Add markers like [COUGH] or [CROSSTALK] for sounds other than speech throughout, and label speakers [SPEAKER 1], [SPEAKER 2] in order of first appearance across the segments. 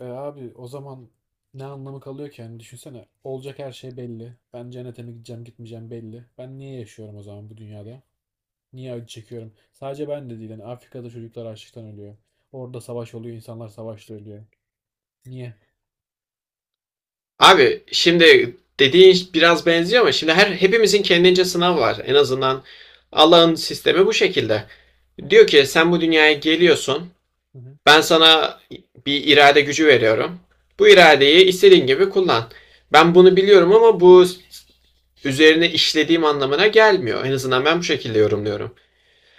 [SPEAKER 1] E abi o zaman ne anlamı kalıyor ki? Yani düşünsene, olacak her şey belli. Ben cennete mi gideceğim, gitmeyeceğim belli. Ben niye yaşıyorum o zaman bu dünyada? Niye acı çekiyorum? Sadece ben de değil. Yani Afrika'da çocuklar açlıktan ölüyor. Orada savaş oluyor. İnsanlar savaşta ölüyor. Niye?
[SPEAKER 2] Abi şimdi dediğin biraz benziyor ama şimdi hepimizin kendince sınavı var. En azından Allah'ın sistemi bu şekilde. Diyor ki sen bu dünyaya geliyorsun.
[SPEAKER 1] [LAUGHS]
[SPEAKER 2] Ben sana bir irade gücü veriyorum. Bu iradeyi istediğin gibi kullan. Ben bunu biliyorum ama bu üzerine işlediğim anlamına gelmiyor. En azından ben bu şekilde yorumluyorum.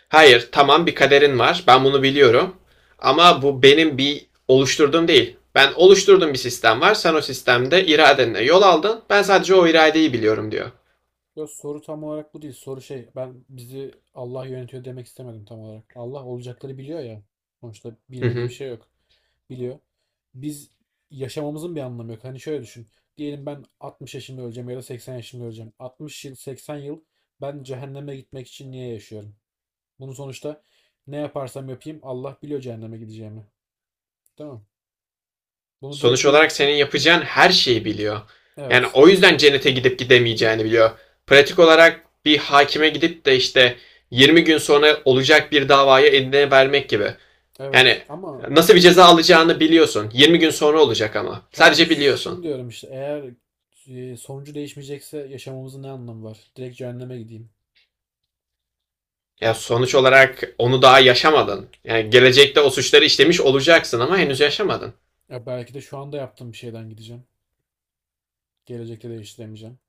[SPEAKER 2] Hayır, tamam bir kaderin var. Ben bunu biliyorum. Ama bu benim bir oluşturduğum değil. Ben oluşturduğum bir sistem var. Sen o sistemde iradenle yol aldın. Ben sadece o iradeyi biliyorum diyor.
[SPEAKER 1] Yok, soru tam olarak bu değil. Soru şey, ben bizi Allah yönetiyor demek istemedim tam olarak. Allah olacakları biliyor ya. Sonuçta
[SPEAKER 2] Hı
[SPEAKER 1] bilmediği bir
[SPEAKER 2] hı.
[SPEAKER 1] şey yok. Biliyor. Biz, yaşamamızın bir anlamı yok. Hani şöyle düşün. Diyelim ben 60 yaşında öleceğim ya da 80 yaşında öleceğim. 60 yıl, 80 yıl, ben cehenneme gitmek için niye yaşıyorum? Bunu sonuçta, ne yaparsam yapayım, Allah biliyor cehenneme gideceğimi. Değil mi? Bunu direkt
[SPEAKER 2] Sonuç
[SPEAKER 1] benim...
[SPEAKER 2] olarak senin yapacağın her şeyi biliyor. Yani
[SPEAKER 1] Evet.
[SPEAKER 2] o yüzden cennete gidip gidemeyeceğini biliyor. Pratik olarak bir hakime gidip de işte 20 gün sonra olacak bir davayı eline vermek gibi.
[SPEAKER 1] Evet.
[SPEAKER 2] Yani nasıl bir ceza alacağını biliyorsun. 20 gün sonra olacak ama.
[SPEAKER 1] Tamam,
[SPEAKER 2] Sadece
[SPEAKER 1] şunu
[SPEAKER 2] biliyorsun.
[SPEAKER 1] diyorum işte, eğer sonucu değişmeyecekse yaşamamızın ne anlamı var? Direkt cehenneme gideyim.
[SPEAKER 2] Ya sonuç olarak onu daha yaşamadın. Yani gelecekte o suçları işlemiş olacaksın ama henüz yaşamadın.
[SPEAKER 1] Ya belki de şu anda yaptığım bir şeyden gideceğim. Gelecekte değiştiremeyeceğim.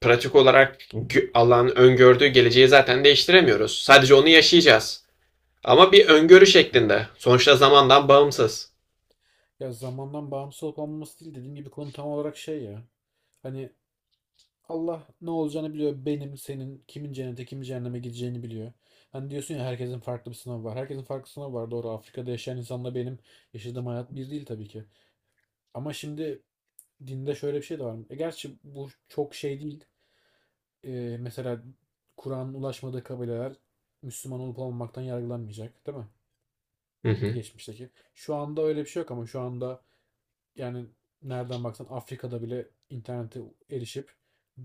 [SPEAKER 2] Pratik olarak Allah'ın öngördüğü geleceği zaten değiştiremiyoruz. Sadece onu yaşayacağız. Ama bir öngörü
[SPEAKER 1] Evet.
[SPEAKER 2] şeklinde. Sonuçta zamandan bağımsız.
[SPEAKER 1] Ya zamandan bağımsız olup olmaması değil, dediğim gibi konu tam olarak şey ya. Hani Allah ne olacağını biliyor. Benim, senin, kimin cennete, kimin cehenneme gideceğini biliyor. Hani diyorsun ya, herkesin farklı bir sınavı var. Herkesin farklı sınavı var. Doğru, Afrika'da yaşayan insanla benim yaşadığım hayat bir değil tabii ki. Ama şimdi, dinde şöyle bir şey de var. E gerçi bu çok şey değil. Mesela Kur'an'ın ulaşmadığı kabileler Müslüman olup olmamaktan yargılanmayacak, değil mi?
[SPEAKER 2] Hı hı.
[SPEAKER 1] Geçmişteki. Şu anda öyle bir şey yok ama şu anda, yani nereden baksan Afrika'da bile internete erişip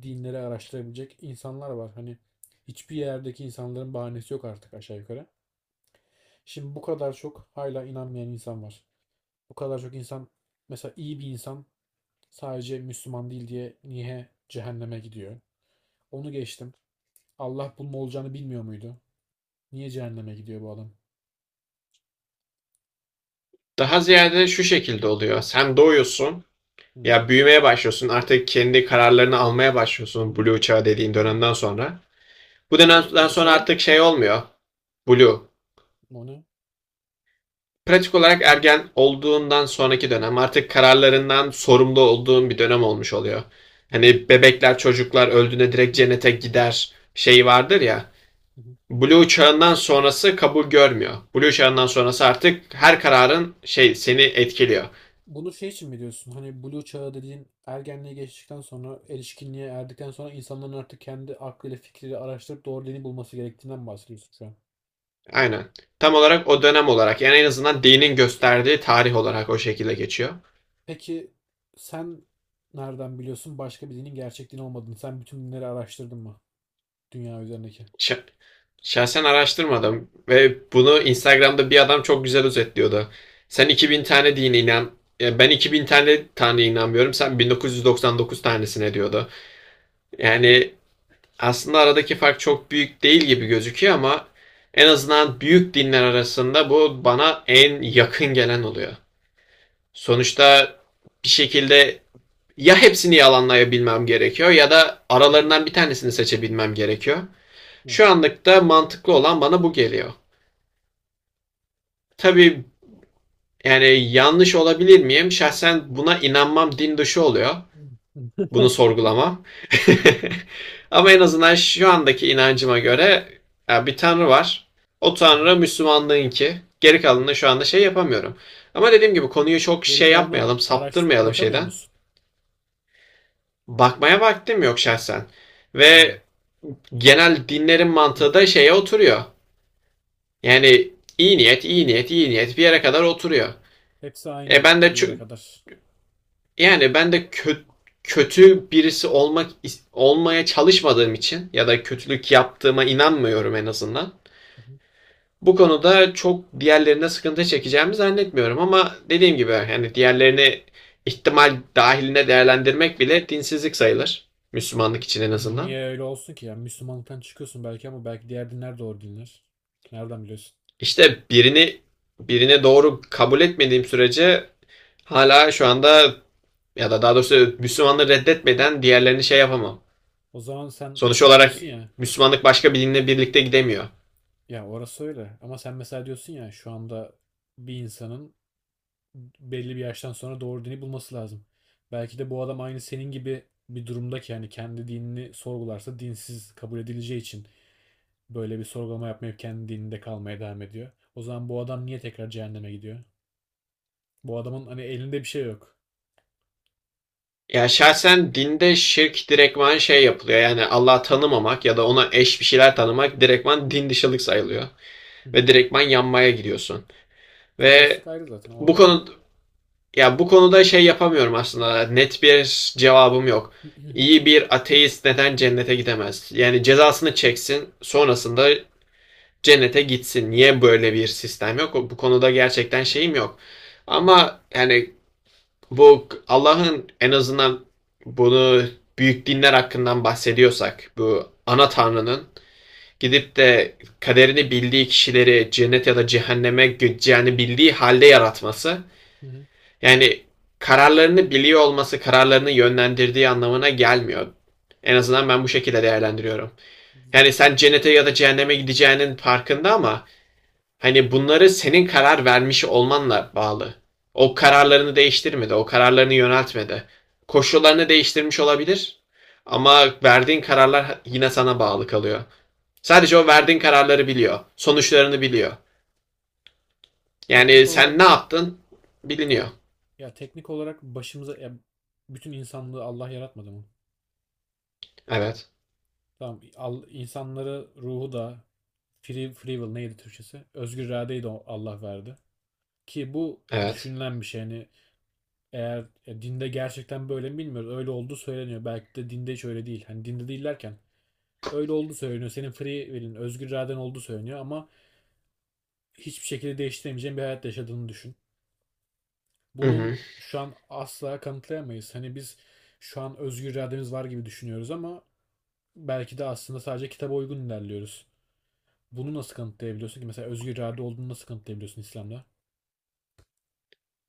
[SPEAKER 1] dinleri araştırabilecek insanlar var. Hani hiçbir yerdeki insanların bahanesi yok artık aşağı yukarı. Şimdi bu kadar çok hala inanmayan insan var. Bu kadar çok insan, mesela iyi bir insan, sadece Müslüman değil diye niye cehenneme gidiyor? Onu geçtim. Allah bunun olacağını bilmiyor muydu? Niye cehenneme gidiyor bu adam?
[SPEAKER 2] Daha ziyade şu şekilde oluyor. Sen doğuyorsun.
[SPEAKER 1] Hı.
[SPEAKER 2] Ya büyümeye başlıyorsun. Artık kendi kararlarını almaya başlıyorsun. Blue çağı dediğin
[SPEAKER 1] [CLEARS THROAT] Hı.
[SPEAKER 2] dönemden sonra. Bu dönemden
[SPEAKER 1] Ne
[SPEAKER 2] sonra
[SPEAKER 1] çağı?
[SPEAKER 2] artık şey olmuyor. Blue.
[SPEAKER 1] O ne?
[SPEAKER 2] Pratik olarak ergen olduğundan sonraki dönem artık kararlarından sorumlu olduğun bir dönem olmuş oluyor.
[SPEAKER 1] Hı hı.
[SPEAKER 2] Hani bebekler çocuklar öldüğünde direkt
[SPEAKER 1] [CLEARS THROAT]
[SPEAKER 2] cennete gider şeyi vardır ya.
[SPEAKER 1] Hı hı.
[SPEAKER 2] Blue çağından sonrası kabul görmüyor. Blue çağından sonrası artık her kararın şey seni etkiliyor.
[SPEAKER 1] Bunu şey için mi diyorsun? Hani Blue çağı dediğin ergenliğe geçtikten sonra, erişkinliğe erdikten sonra, insanların artık kendi aklıyla fikriyle araştırıp doğru dini bulması gerektiğinden mi bahsediyorsun şu an?
[SPEAKER 2] Aynen. Tam olarak o dönem olarak yani en azından dinin gösterdiği tarih olarak o şekilde geçiyor.
[SPEAKER 1] Peki, sen nereden biliyorsun başka bir dinin gerçek din olmadığını? Sen bütün dinleri araştırdın mı? Dünya üzerindeki.
[SPEAKER 2] Ş- şahsen araştırmadım ve bunu Instagram'da bir adam çok güzel özetliyordu. Sen 2000 tane dine inan, ya ben 2000 tane inanmıyorum. Sen 1999 tanesine diyordu. Yani aslında aradaki fark çok büyük değil gibi gözüküyor ama en azından büyük dinler arasında bu bana en yakın gelen oluyor. Sonuçta bir şekilde ya hepsini yalanlayabilmem gerekiyor ya da
[SPEAKER 1] Hı hı.
[SPEAKER 2] aralarından bir tanesini seçebilmem gerekiyor.
[SPEAKER 1] Ha.
[SPEAKER 2] Şu anlıkta mantıklı olan bana bu geliyor. Tabii yani yanlış olabilir miyim? Şahsen buna inanmam din dışı oluyor.
[SPEAKER 1] Hı hı.
[SPEAKER 2] Bunu sorgulamam. [LAUGHS] Ama en azından şu andaki inancıma göre ya bir tanrı var. O
[SPEAKER 1] Hı
[SPEAKER 2] tanrı Müslümanlığınki. Geri
[SPEAKER 1] hı.
[SPEAKER 2] kalanını şu anda şey yapamıyorum. Ama dediğim gibi konuyu çok
[SPEAKER 1] Geri
[SPEAKER 2] şey
[SPEAKER 1] kalanı
[SPEAKER 2] yapmayalım,
[SPEAKER 1] araştırıp
[SPEAKER 2] saptırmayalım
[SPEAKER 1] bakamıyor
[SPEAKER 2] şeyden.
[SPEAKER 1] musun?
[SPEAKER 2] Bakmaya vaktim yok şahsen.
[SPEAKER 1] Hı.
[SPEAKER 2] Ve genel dinlerin mantığı da şeye oturuyor. Yani iyi niyet, iyi niyet, iyi niyet bir yere kadar oturuyor.
[SPEAKER 1] Hepsi
[SPEAKER 2] E
[SPEAKER 1] aynı
[SPEAKER 2] ben de
[SPEAKER 1] bir yere
[SPEAKER 2] ço-
[SPEAKER 1] kadar.
[SPEAKER 2] Yani ben de kö- kötü birisi olmaya çalışmadığım için ya da kötülük yaptığıma inanmıyorum en azından.
[SPEAKER 1] Hı hı.
[SPEAKER 2] Bu konuda çok diğerlerine sıkıntı çekeceğimi zannetmiyorum ama dediğim gibi yani diğerlerini ihtimal dahiline değerlendirmek bile dinsizlik sayılır. Müslümanlık için en azından.
[SPEAKER 1] Niye öyle olsun ki? Yani Müslümanlıktan çıkıyorsun belki ama belki diğer dinler de doğru dinler. Nereden biliyorsun?
[SPEAKER 2] İşte birini birine doğru kabul etmediğim sürece hala şu anda ya da daha doğrusu Müslümanları reddetmeden diğerlerini şey yapamam.
[SPEAKER 1] O zaman sen
[SPEAKER 2] Sonuç
[SPEAKER 1] mesela
[SPEAKER 2] olarak
[SPEAKER 1] diyorsun ya,
[SPEAKER 2] Müslümanlık başka bir dinle birlikte gidemiyor.
[SPEAKER 1] ya orası öyle. Ama sen mesela diyorsun ya, şu anda bir insanın belli bir yaştan sonra doğru dini bulması lazım. Belki de bu adam aynı senin gibi bir durumda ki, yani kendi dinini sorgularsa dinsiz kabul edileceği için böyle bir sorgulama yapmayıp kendi dininde kalmaya devam ediyor. O zaman bu adam niye tekrar cehenneme gidiyor? Bu adamın, hani elinde bir şey yok.
[SPEAKER 2] Ya şahsen dinde şirk direktman şey yapılıyor. Yani Allah'ı tanımamak ya da ona eş bir şeyler tanımak direktman din dışılık sayılıyor.
[SPEAKER 1] Hı hı.
[SPEAKER 2] Ve direktman yanmaya giriyorsun. Ve
[SPEAKER 1] Ateistlik ayrı, zaten o
[SPEAKER 2] bu
[SPEAKER 1] ayrı.
[SPEAKER 2] konu ya bu konuda şey yapamıyorum aslında. Net bir cevabım yok.
[SPEAKER 1] Hı hı,
[SPEAKER 2] İyi bir ateist neden cennete gidemez? Yani cezasını çeksin, sonrasında cennete gitsin. Niye böyle bir sistem yok? Bu konuda gerçekten şeyim yok.
[SPEAKER 1] hı hı,
[SPEAKER 2] Ama yani bu Allah'ın en azından bunu büyük dinler hakkından bahsediyorsak bu ana tanrının gidip de kaderini bildiği kişileri cennet ya da cehenneme gideceğini bildiği halde yaratması
[SPEAKER 1] hı hı.
[SPEAKER 2] yani kararlarını biliyor olması kararlarını yönlendirdiği anlamına gelmiyor. En azından ben bu şekilde değerlendiriyorum. Yani sen cennete ya da cehenneme gideceğinin farkında ama hani bunları senin karar vermiş olmanla bağlı. O kararlarını değiştirmedi, o kararlarını yöneltmedi. Koşullarını değiştirmiş olabilir ama verdiğin kararlar yine sana bağlı kalıyor. Sadece o verdiğin kararları biliyor, sonuçlarını biliyor.
[SPEAKER 1] Teknik
[SPEAKER 2] Yani sen ne
[SPEAKER 1] olarak
[SPEAKER 2] yaptın biliniyor.
[SPEAKER 1] Teknik olarak, ya bütün insanlığı Allah yaratmadı mı?
[SPEAKER 2] Evet,
[SPEAKER 1] Tamam, al, insanları, ruhu da free will neydi Türkçesi? Özgür iradeyi de Allah verdi. Ki bu
[SPEAKER 2] evet.
[SPEAKER 1] düşünülen bir şey. Hani eğer dinde gerçekten böyle mi bilmiyoruz. Öyle olduğu söyleniyor. Belki de dinde hiç öyle değil. Hani dinde değil derken, öyle olduğu söyleniyor. Senin free will'in, özgür iraden olduğu söyleniyor ama hiçbir şekilde değiştiremeyeceğin bir hayat yaşadığını düşün.
[SPEAKER 2] Hı
[SPEAKER 1] Bunun
[SPEAKER 2] hı.
[SPEAKER 1] şu an asla kanıtlayamayız. Hani biz şu an özgür irademiz var gibi düşünüyoruz ama belki de aslında sadece kitaba uygun ilerliyoruz. Bunu nasıl kanıtlayabiliyorsun ki? Mesela özgür irade olduğunu nasıl kanıtlayabiliyorsun İslam'da?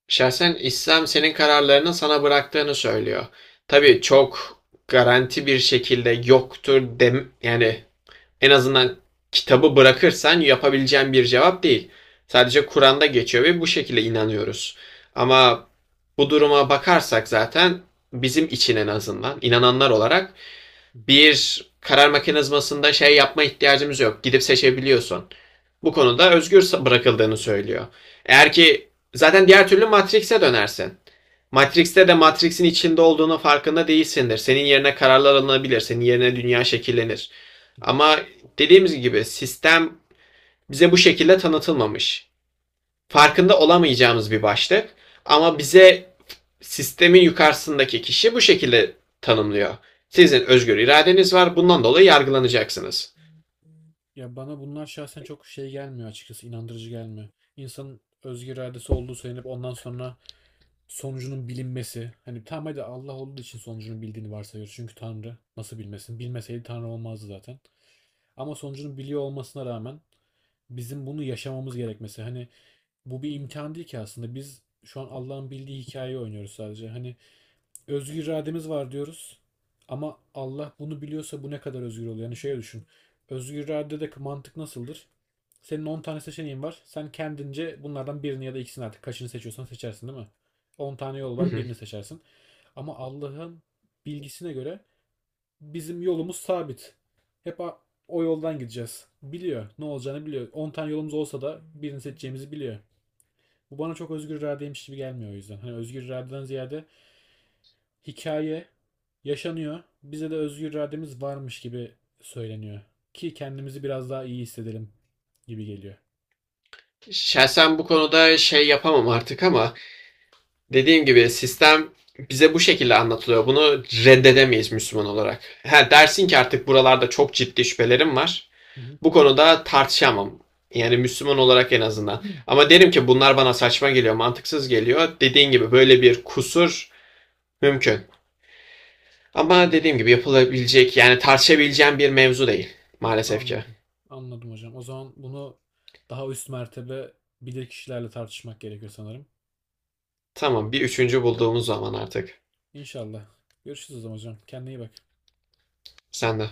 [SPEAKER 2] Şahsen İslam senin kararlarını sana bıraktığını söylüyor.
[SPEAKER 1] Hı hı,
[SPEAKER 2] Tabii çok garanti bir şekilde yoktur dem yani en azından kitabı bırakırsan yapabileceğin bir cevap değil.
[SPEAKER 1] hı
[SPEAKER 2] Sadece
[SPEAKER 1] hı,
[SPEAKER 2] Kur'an'da geçiyor ve bu şekilde inanıyoruz. Ama bu duruma
[SPEAKER 1] hı
[SPEAKER 2] bakarsak zaten bizim için en azından inananlar olarak
[SPEAKER 1] hı,
[SPEAKER 2] bir karar mekanizmasında şey yapma ihtiyacımız yok. Gidip seçebiliyorsun. Bu konuda özgür bırakıldığını söylüyor. Eğer ki zaten diğer türlü Matrix'e dönersin. Matrix'te de Matrix'in içinde olduğunun farkında değilsindir. Senin yerine kararlar alınabilir. Senin yerine dünya şekillenir.
[SPEAKER 1] hı hı.
[SPEAKER 2] Ama dediğimiz gibi sistem bize bu şekilde tanıtılmamış. Farkında olamayacağımız bir başlık. Ama bize sistemin yukarısındaki kişi bu şekilde tanımlıyor. Sizin özgür iradeniz var. Bundan dolayı yargılanacaksınız.
[SPEAKER 1] Ya, bana bunlar şahsen çok şey gelmiyor açıkçası, inandırıcı gelmiyor. İnsanın özgür iradesi olduğu söylenip ondan sonra sonucunun bilinmesi. Hani tamam, hadi Allah olduğu için sonucunu bildiğini varsayıyoruz. Çünkü Tanrı nasıl bilmesin? Bilmeseydi Tanrı olmazdı zaten. Ama sonucunu biliyor olmasına rağmen bizim bunu yaşamamız gerekmesi. Hani bu bir imtihan değil ki aslında. Biz şu an Allah'ın bildiği hikayeyi oynuyoruz sadece. Hani özgür irademiz var diyoruz. Ama Allah bunu biliyorsa bu ne kadar özgür oluyor? Yani şöyle düşün. Özgür iradedeki mantık nasıldır? Senin 10 tane seçeneğin var. Sen kendince bunlardan birini ya da ikisini, artık kaçını seçiyorsan seçersin değil mi? 10 tane yol
[SPEAKER 2] Hı
[SPEAKER 1] var,
[SPEAKER 2] hı.
[SPEAKER 1] birini seçersin. Ama Allah'ın bilgisine göre bizim yolumuz sabit. Hep o yoldan gideceğiz. Biliyor. Ne olacağını biliyor. 10 tane yolumuz olsa da birini seçeceğimizi biliyor. Bu bana çok özgür iradeymiş gibi gelmiyor o yüzden. Hani özgür iradeden ziyade hikaye yaşanıyor. Bize de özgür irademiz varmış gibi söyleniyor. Ki kendimizi biraz daha iyi hissedelim gibi geliyor.
[SPEAKER 2] Şahsen bu konuda şey yapamam artık ama dediğim gibi sistem bize bu şekilde anlatılıyor. Bunu reddedemeyiz Müslüman olarak. Ha, dersin ki artık buralarda çok ciddi şüphelerim var.
[SPEAKER 1] Hı hı.
[SPEAKER 2] Bu konuda tartışamam. Yani Müslüman olarak en azından.
[SPEAKER 1] [CLEARS THROAT]
[SPEAKER 2] Ama derim ki bunlar bana saçma geliyor, mantıksız geliyor. Dediğin gibi böyle bir kusur mümkün. Ama dediğim gibi yapılabilecek yani tartışabileceğim bir mevzu değil maalesef ki.
[SPEAKER 1] Anladım. Anladım hocam. O zaman bunu daha üst mertebe bilir kişilerle tartışmak gerekiyor sanırım.
[SPEAKER 2] Tamam bir üçüncü bulduğumuz zaman artık.
[SPEAKER 1] İnşallah. Görüşürüz o zaman hocam. Kendine iyi bak.
[SPEAKER 2] Sen de.